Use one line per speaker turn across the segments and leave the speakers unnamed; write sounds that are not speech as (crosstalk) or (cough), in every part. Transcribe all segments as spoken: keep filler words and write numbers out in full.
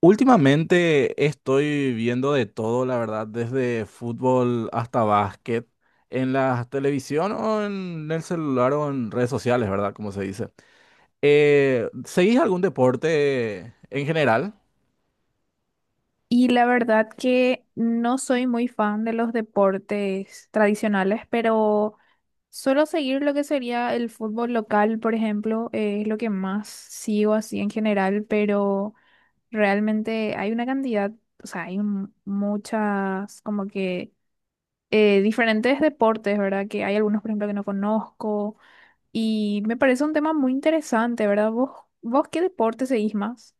Últimamente estoy viendo de todo, la verdad, desde fútbol hasta básquet, en la televisión o en el celular o en redes sociales, ¿verdad? Como se dice. Eh, ¿seguís algún deporte en general?
Y la verdad que no soy muy fan de los deportes tradicionales, pero suelo seguir lo que sería el fútbol local, por ejemplo, eh, es lo que más sigo así en general, pero realmente hay una cantidad, o sea, hay un- muchas como que eh, diferentes deportes, ¿verdad? Que hay algunos, por ejemplo, que no conozco y me parece un tema muy interesante, ¿verdad? ¿Vos, vos qué deporte seguís más?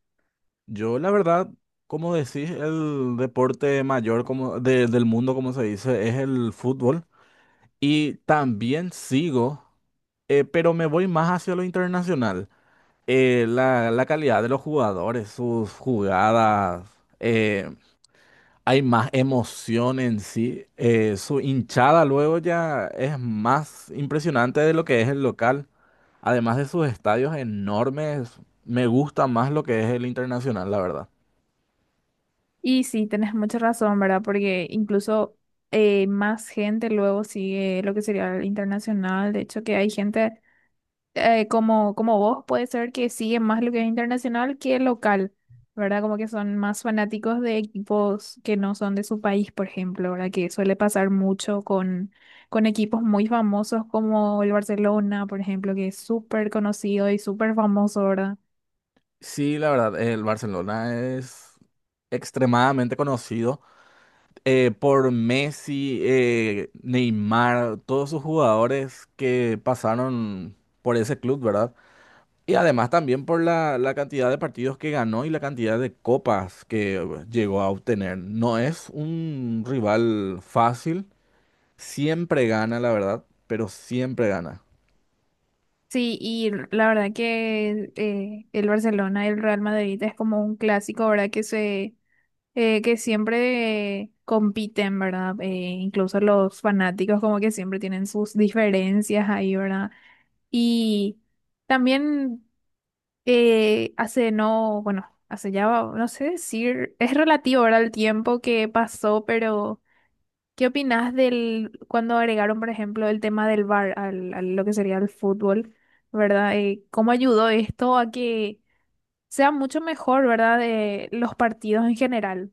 Yo, la verdad, como decís, el deporte mayor como de- del mundo, como se dice, es el fútbol. Y también sigo, eh, pero me voy más hacia lo internacional. eh, la, la calidad de los jugadores, sus jugadas, eh, hay más emoción en sí. Eh, su hinchada luego ya es más impresionante de lo que es el local. Además de sus estadios enormes, me gusta más lo que es el internacional, la verdad.
Y sí, tenés mucha razón, ¿verdad? Porque incluso eh, más gente luego sigue lo que sería el internacional. De hecho, que hay gente eh, como, como vos, puede ser que sigue más lo que es internacional que local, ¿verdad? Como que son más fanáticos de equipos que no son de su país, por ejemplo, ¿verdad? Que suele pasar mucho con, con equipos muy famosos como el Barcelona, por ejemplo, que es súper conocido y súper famoso, ¿verdad?
Sí, la verdad, el Barcelona es extremadamente conocido, eh, por Messi, eh, Neymar, todos sus jugadores que pasaron por ese club, ¿verdad? Y además también por la, la cantidad de partidos que ganó y la cantidad de copas que eh, llegó a obtener. No es un rival fácil, siempre gana, la verdad, pero siempre gana.
Sí, y la verdad que eh, el Barcelona y el Real Madrid es como un clásico, ¿verdad? Que se eh, que siempre compiten, ¿verdad? Eh, incluso los fanáticos como que siempre tienen sus diferencias ahí, ¿verdad? Y también eh, hace no, bueno, hace ya, no sé decir, es relativo, ¿verdad? El tiempo que pasó, pero ¿qué opinás del cuando agregaron, por ejemplo, el tema del bar al, a lo que sería el fútbol, ¿verdad? Eh, ¿cómo ayudó esto a que sea mucho mejor, ¿verdad? De los partidos en general.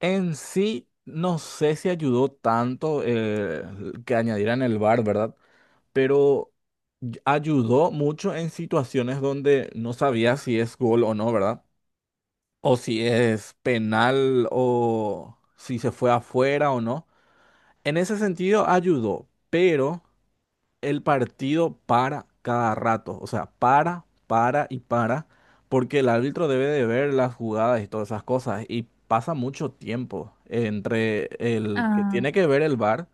En sí, no sé si ayudó tanto eh, que añadieran el V A R, ¿verdad? Pero y- ayudó mucho en situaciones donde no sabía si es gol o no, ¿verdad? O si es penal o si se fue afuera o no. En ese sentido ayudó, pero el partido para cada rato, o sea, para, para y para, porque el árbitro debe de ver las jugadas y todas esas cosas, y pasa mucho tiempo entre el que tiene
Ah,
que ver el V A R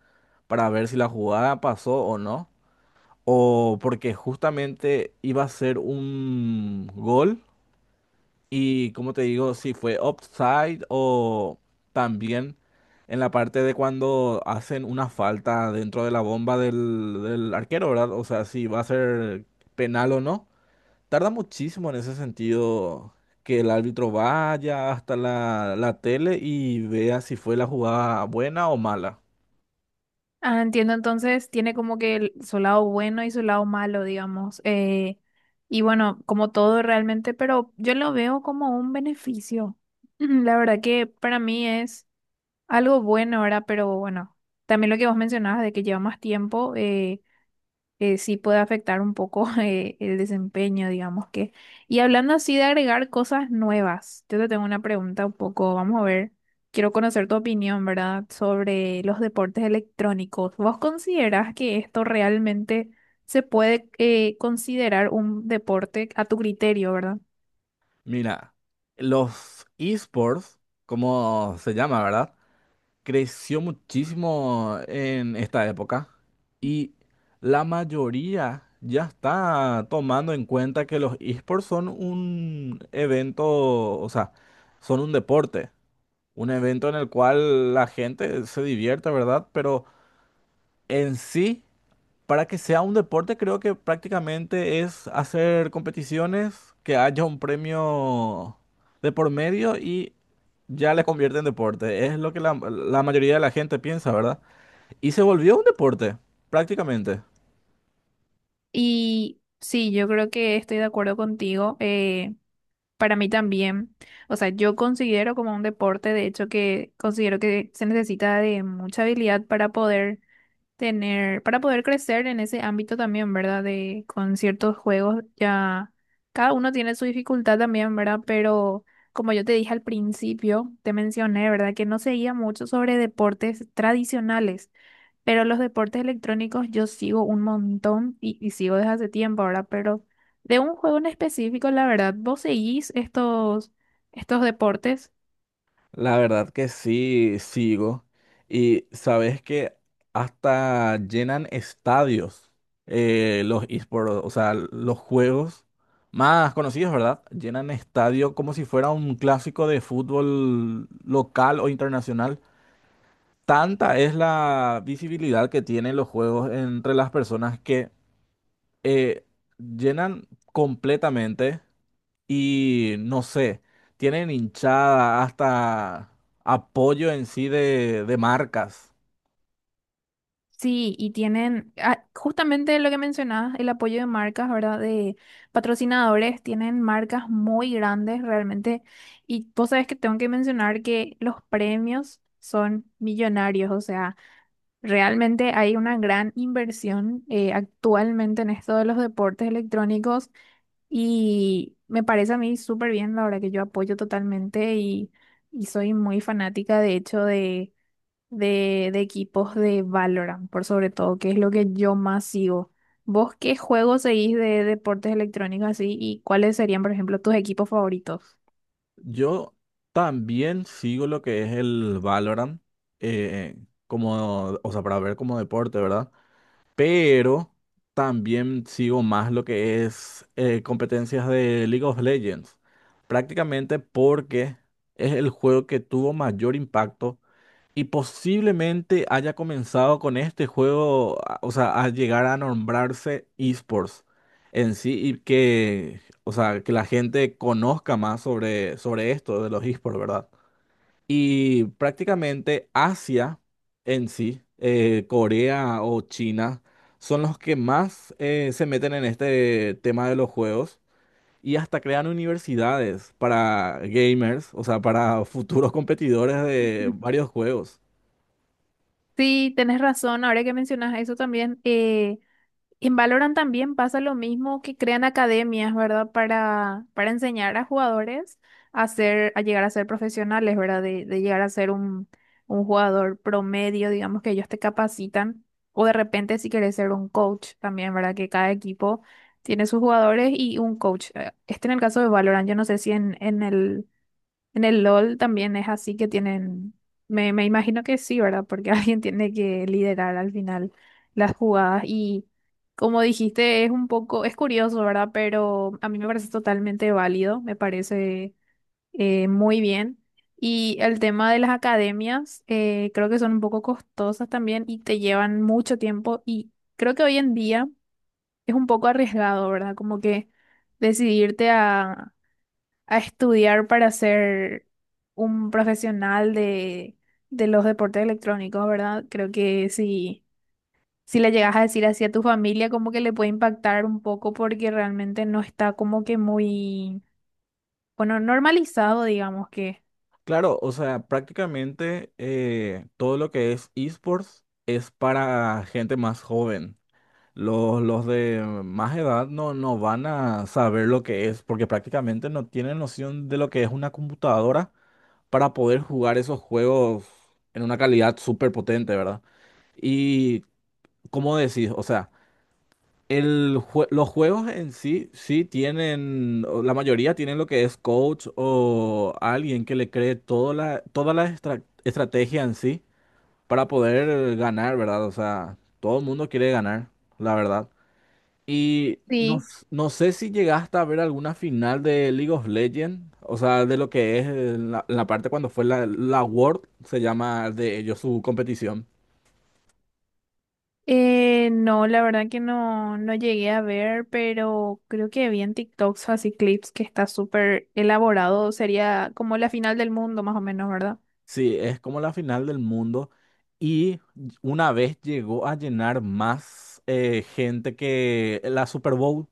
para ver si la jugada pasó o no, o porque justamente iba a ser un gol y como te digo, si fue offside o también en la parte de cuando hacen una falta dentro de la bomba del, del arquero, ¿verdad? O sea, si va a ser penal o no. Tarda muchísimo en ese sentido que el árbitro vaya hasta la, la tele y vea si fue la jugada buena o mala.
Ah, entiendo, entonces tiene como que el- su lado bueno y su lado malo, digamos. Eh, y bueno, como todo realmente, pero yo lo veo como un beneficio. (clears throat) Mm, la verdad que para mí es algo bueno, ¿verdad? Pero bueno, también lo que vos mencionabas de que lleva más tiempo. Eh eh, sí puede afectar un poco (laughs) eh, el desempeño, digamos que. Y hablando así de agregar cosas nuevas, yo te tengo una pregunta un poco, vamos a ver, quiero conocer tu opinión, ¿verdad? Sobre los deportes electrónicos. ¿Vos considerás que esto realmente se puede eh, considerar un deporte a tu criterio, ¿verdad?
Mira, los esports, como se llama, ¿verdad? Creció muchísimo en esta época y la mayoría ya está tomando en cuenta que los esports son un evento, o sea, son un deporte, un evento en el cual la gente se divierte, ¿verdad? Pero en sí, para que sea un deporte, creo que prácticamente es hacer competiciones, que haya un premio de por medio y ya le convierte en deporte. Es lo que la, la mayoría de la gente piensa, ¿verdad? Y se volvió un deporte, prácticamente.
Y sí, yo creo que estoy de acuerdo contigo. eh, Para mí también, o sea, yo considero como un deporte, de hecho, que considero que se necesita de mucha habilidad para poder tener, para poder crecer en ese ámbito también, ¿verdad? De con ciertos juegos ya cada uno tiene su dificultad también, ¿verdad? Pero como yo te dije al principio, te mencioné, ¿verdad? Que no seguía mucho sobre deportes tradicionales. Pero los deportes electrónicos yo sigo un montón y, y sigo desde hace tiempo ahora, pero de un juego en específico, la verdad, vos seguís estos, estos deportes,
La verdad que sí, sigo. Y sabes que hasta llenan estadios, eh, los esports, o sea, los juegos más conocidos, ¿verdad? Llenan estadio como si fuera un clásico de fútbol local o internacional. Tanta es la visibilidad que tienen los juegos entre las personas que eh, llenan completamente y no sé, tienen hinchada, hasta apoyo en sí de, de marcas.
sí, y tienen ah, justamente lo que mencionabas, el apoyo de marcas, ¿verdad? De patrocinadores, tienen marcas muy grandes realmente, y vos sabés que tengo que mencionar que los premios son millonarios, o sea, realmente hay una gran inversión eh, actualmente en esto de los deportes electrónicos. Y me parece a mí súper bien, la verdad que yo apoyo totalmente y, y soy muy fanática, de hecho, de, de, de equipos de Valorant, por sobre todo, que es lo que yo más sigo. ¿Vos qué juegos seguís de deportes electrónicos así y cuáles serían, por ejemplo, tus equipos favoritos?
Yo también sigo lo que es el Valorant, eh, como, o sea, para ver como deporte, ¿verdad? Pero también sigo más lo que es eh, competencias de League of Legends, prácticamente porque es el juego que tuvo mayor impacto y posiblemente haya comenzado con este juego, a- o sea, a llegar a nombrarse esports en sí y que, o sea, que la gente conozca más sobre, sobre esto de los esports, ¿verdad? Y prácticamente Asia en sí, eh, Corea o China, son los que más eh, se meten en este tema de los juegos y hasta crean universidades para gamers, o sea, para (laughs) futuros competidores de varios juegos.
Sí, tenés razón, ahora que mencionas eso también, eh, en Valorant también pasa lo mismo que crean academias, ¿verdad? Para, para enseñar a jugadores a ser, a llegar a ser profesionales, ¿verdad? De, de llegar a ser un, un jugador promedio, digamos que ellos te capacitan. O de repente si quieres ser un coach también, ¿verdad? Que cada equipo tiene sus jugadores y un coach. Eh, Este en el caso de Valorant, yo no sé si en, en el en el LOL también es así que tienen, me, me imagino que sí, ¿verdad? Porque (laughs) alguien tiene que liderar al final las jugadas y como dijiste, es un poco, es curioso, ¿verdad? Pero a mí me parece totalmente válido, me parece eh, muy bien. Y el tema de las academias, eh, creo que son un poco costosas también y te llevan mucho tiempo y creo que hoy en día es un poco arriesgado, ¿verdad? Como que decidirte a a estudiar para ser un profesional de, de los deportes electrónicos, ¿verdad? Creo que si, si le llegas a decir así a tu familia, como que le puede impactar un poco porque realmente no está como que muy, bueno, normalizado, digamos que.
Claro, o sea, prácticamente eh, todo lo que es esports es para gente más joven. Los, los de más edad no, no van a saber lo que es, porque prácticamente no tienen noción de lo que es una computadora para poder jugar esos juegos en una calidad súper potente, ¿verdad? Y ¿cómo decís? O sea, el jue- los juegos en sí, sí tienen, o la mayoría tienen lo que es coach o alguien que le cree toda la, toda la estra- estrategia en sí para poder ganar, ¿verdad? O sea, todo el mundo quiere ganar, la verdad. Y no,
Sí.
s- no sé si llegaste a ver alguna final de League of Legends, o sea, de lo que es eh, la, la parte cuando fue la, la World, se llama de ellos su competición.
Eh, no, la verdad que no, no llegué a ver, pero creo que vi en TikToks así clips que está súper elaborado, sería como la final del mundo más o menos, ¿verdad?
Sí, es como la final del mundo y una vez llegó a llenar más eh, gente que la Super Bowl,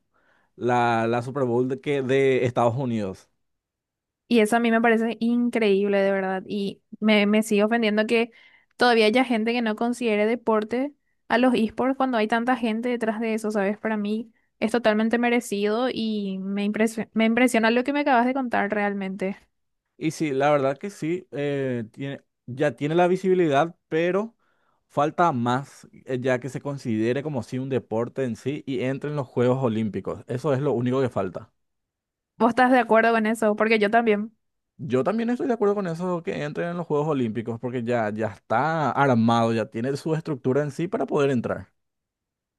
la, la Super Bowl de, que de Estados Unidos.
Y eso a mí me parece increíble, de verdad. Y me, me sigue ofendiendo que todavía haya gente que no considere deporte a los esports cuando hay tanta gente detrás de eso, ¿sabes? Para mí es totalmente merecido y me impresio- me impresiona lo que me acabas de contar realmente.
Y sí, la verdad que sí, eh, tiene, ya tiene la visibilidad, pero falta más, eh, ya que se considere como si un deporte en sí y entre en los Juegos Olímpicos. Eso es lo único que falta.
¿Vos estás de acuerdo con eso? Porque yo también.
Yo también estoy de acuerdo con eso, que entre en los Juegos Olímpicos, porque ya, ya está armado, ya tiene su estructura en sí para poder entrar.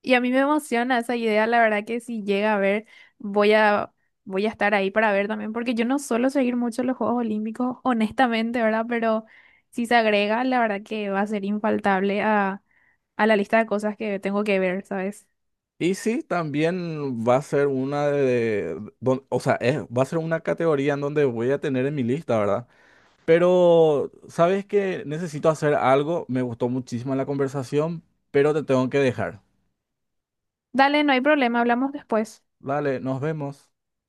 Y a mí me emociona esa idea, la verdad que si llega a ver, voy a, voy a estar ahí para ver también, porque yo no suelo seguir mucho los Juegos Olímpicos, honestamente, ¿verdad? Pero si se agrega, la verdad que va a ser infaltable a, a la lista de cosas que tengo que ver, ¿sabes?
Y sí, también va a ser una de, don- o sea, es- va a ser una categoría en donde voy a tener en mi lista, ¿verdad? Pero, ¿sabes qué? Necesito hacer algo. Me gustó muchísimo la conversación, pero te tengo que dejar.
Dale, no hay problema, hablamos después.
Dale, nos vemos.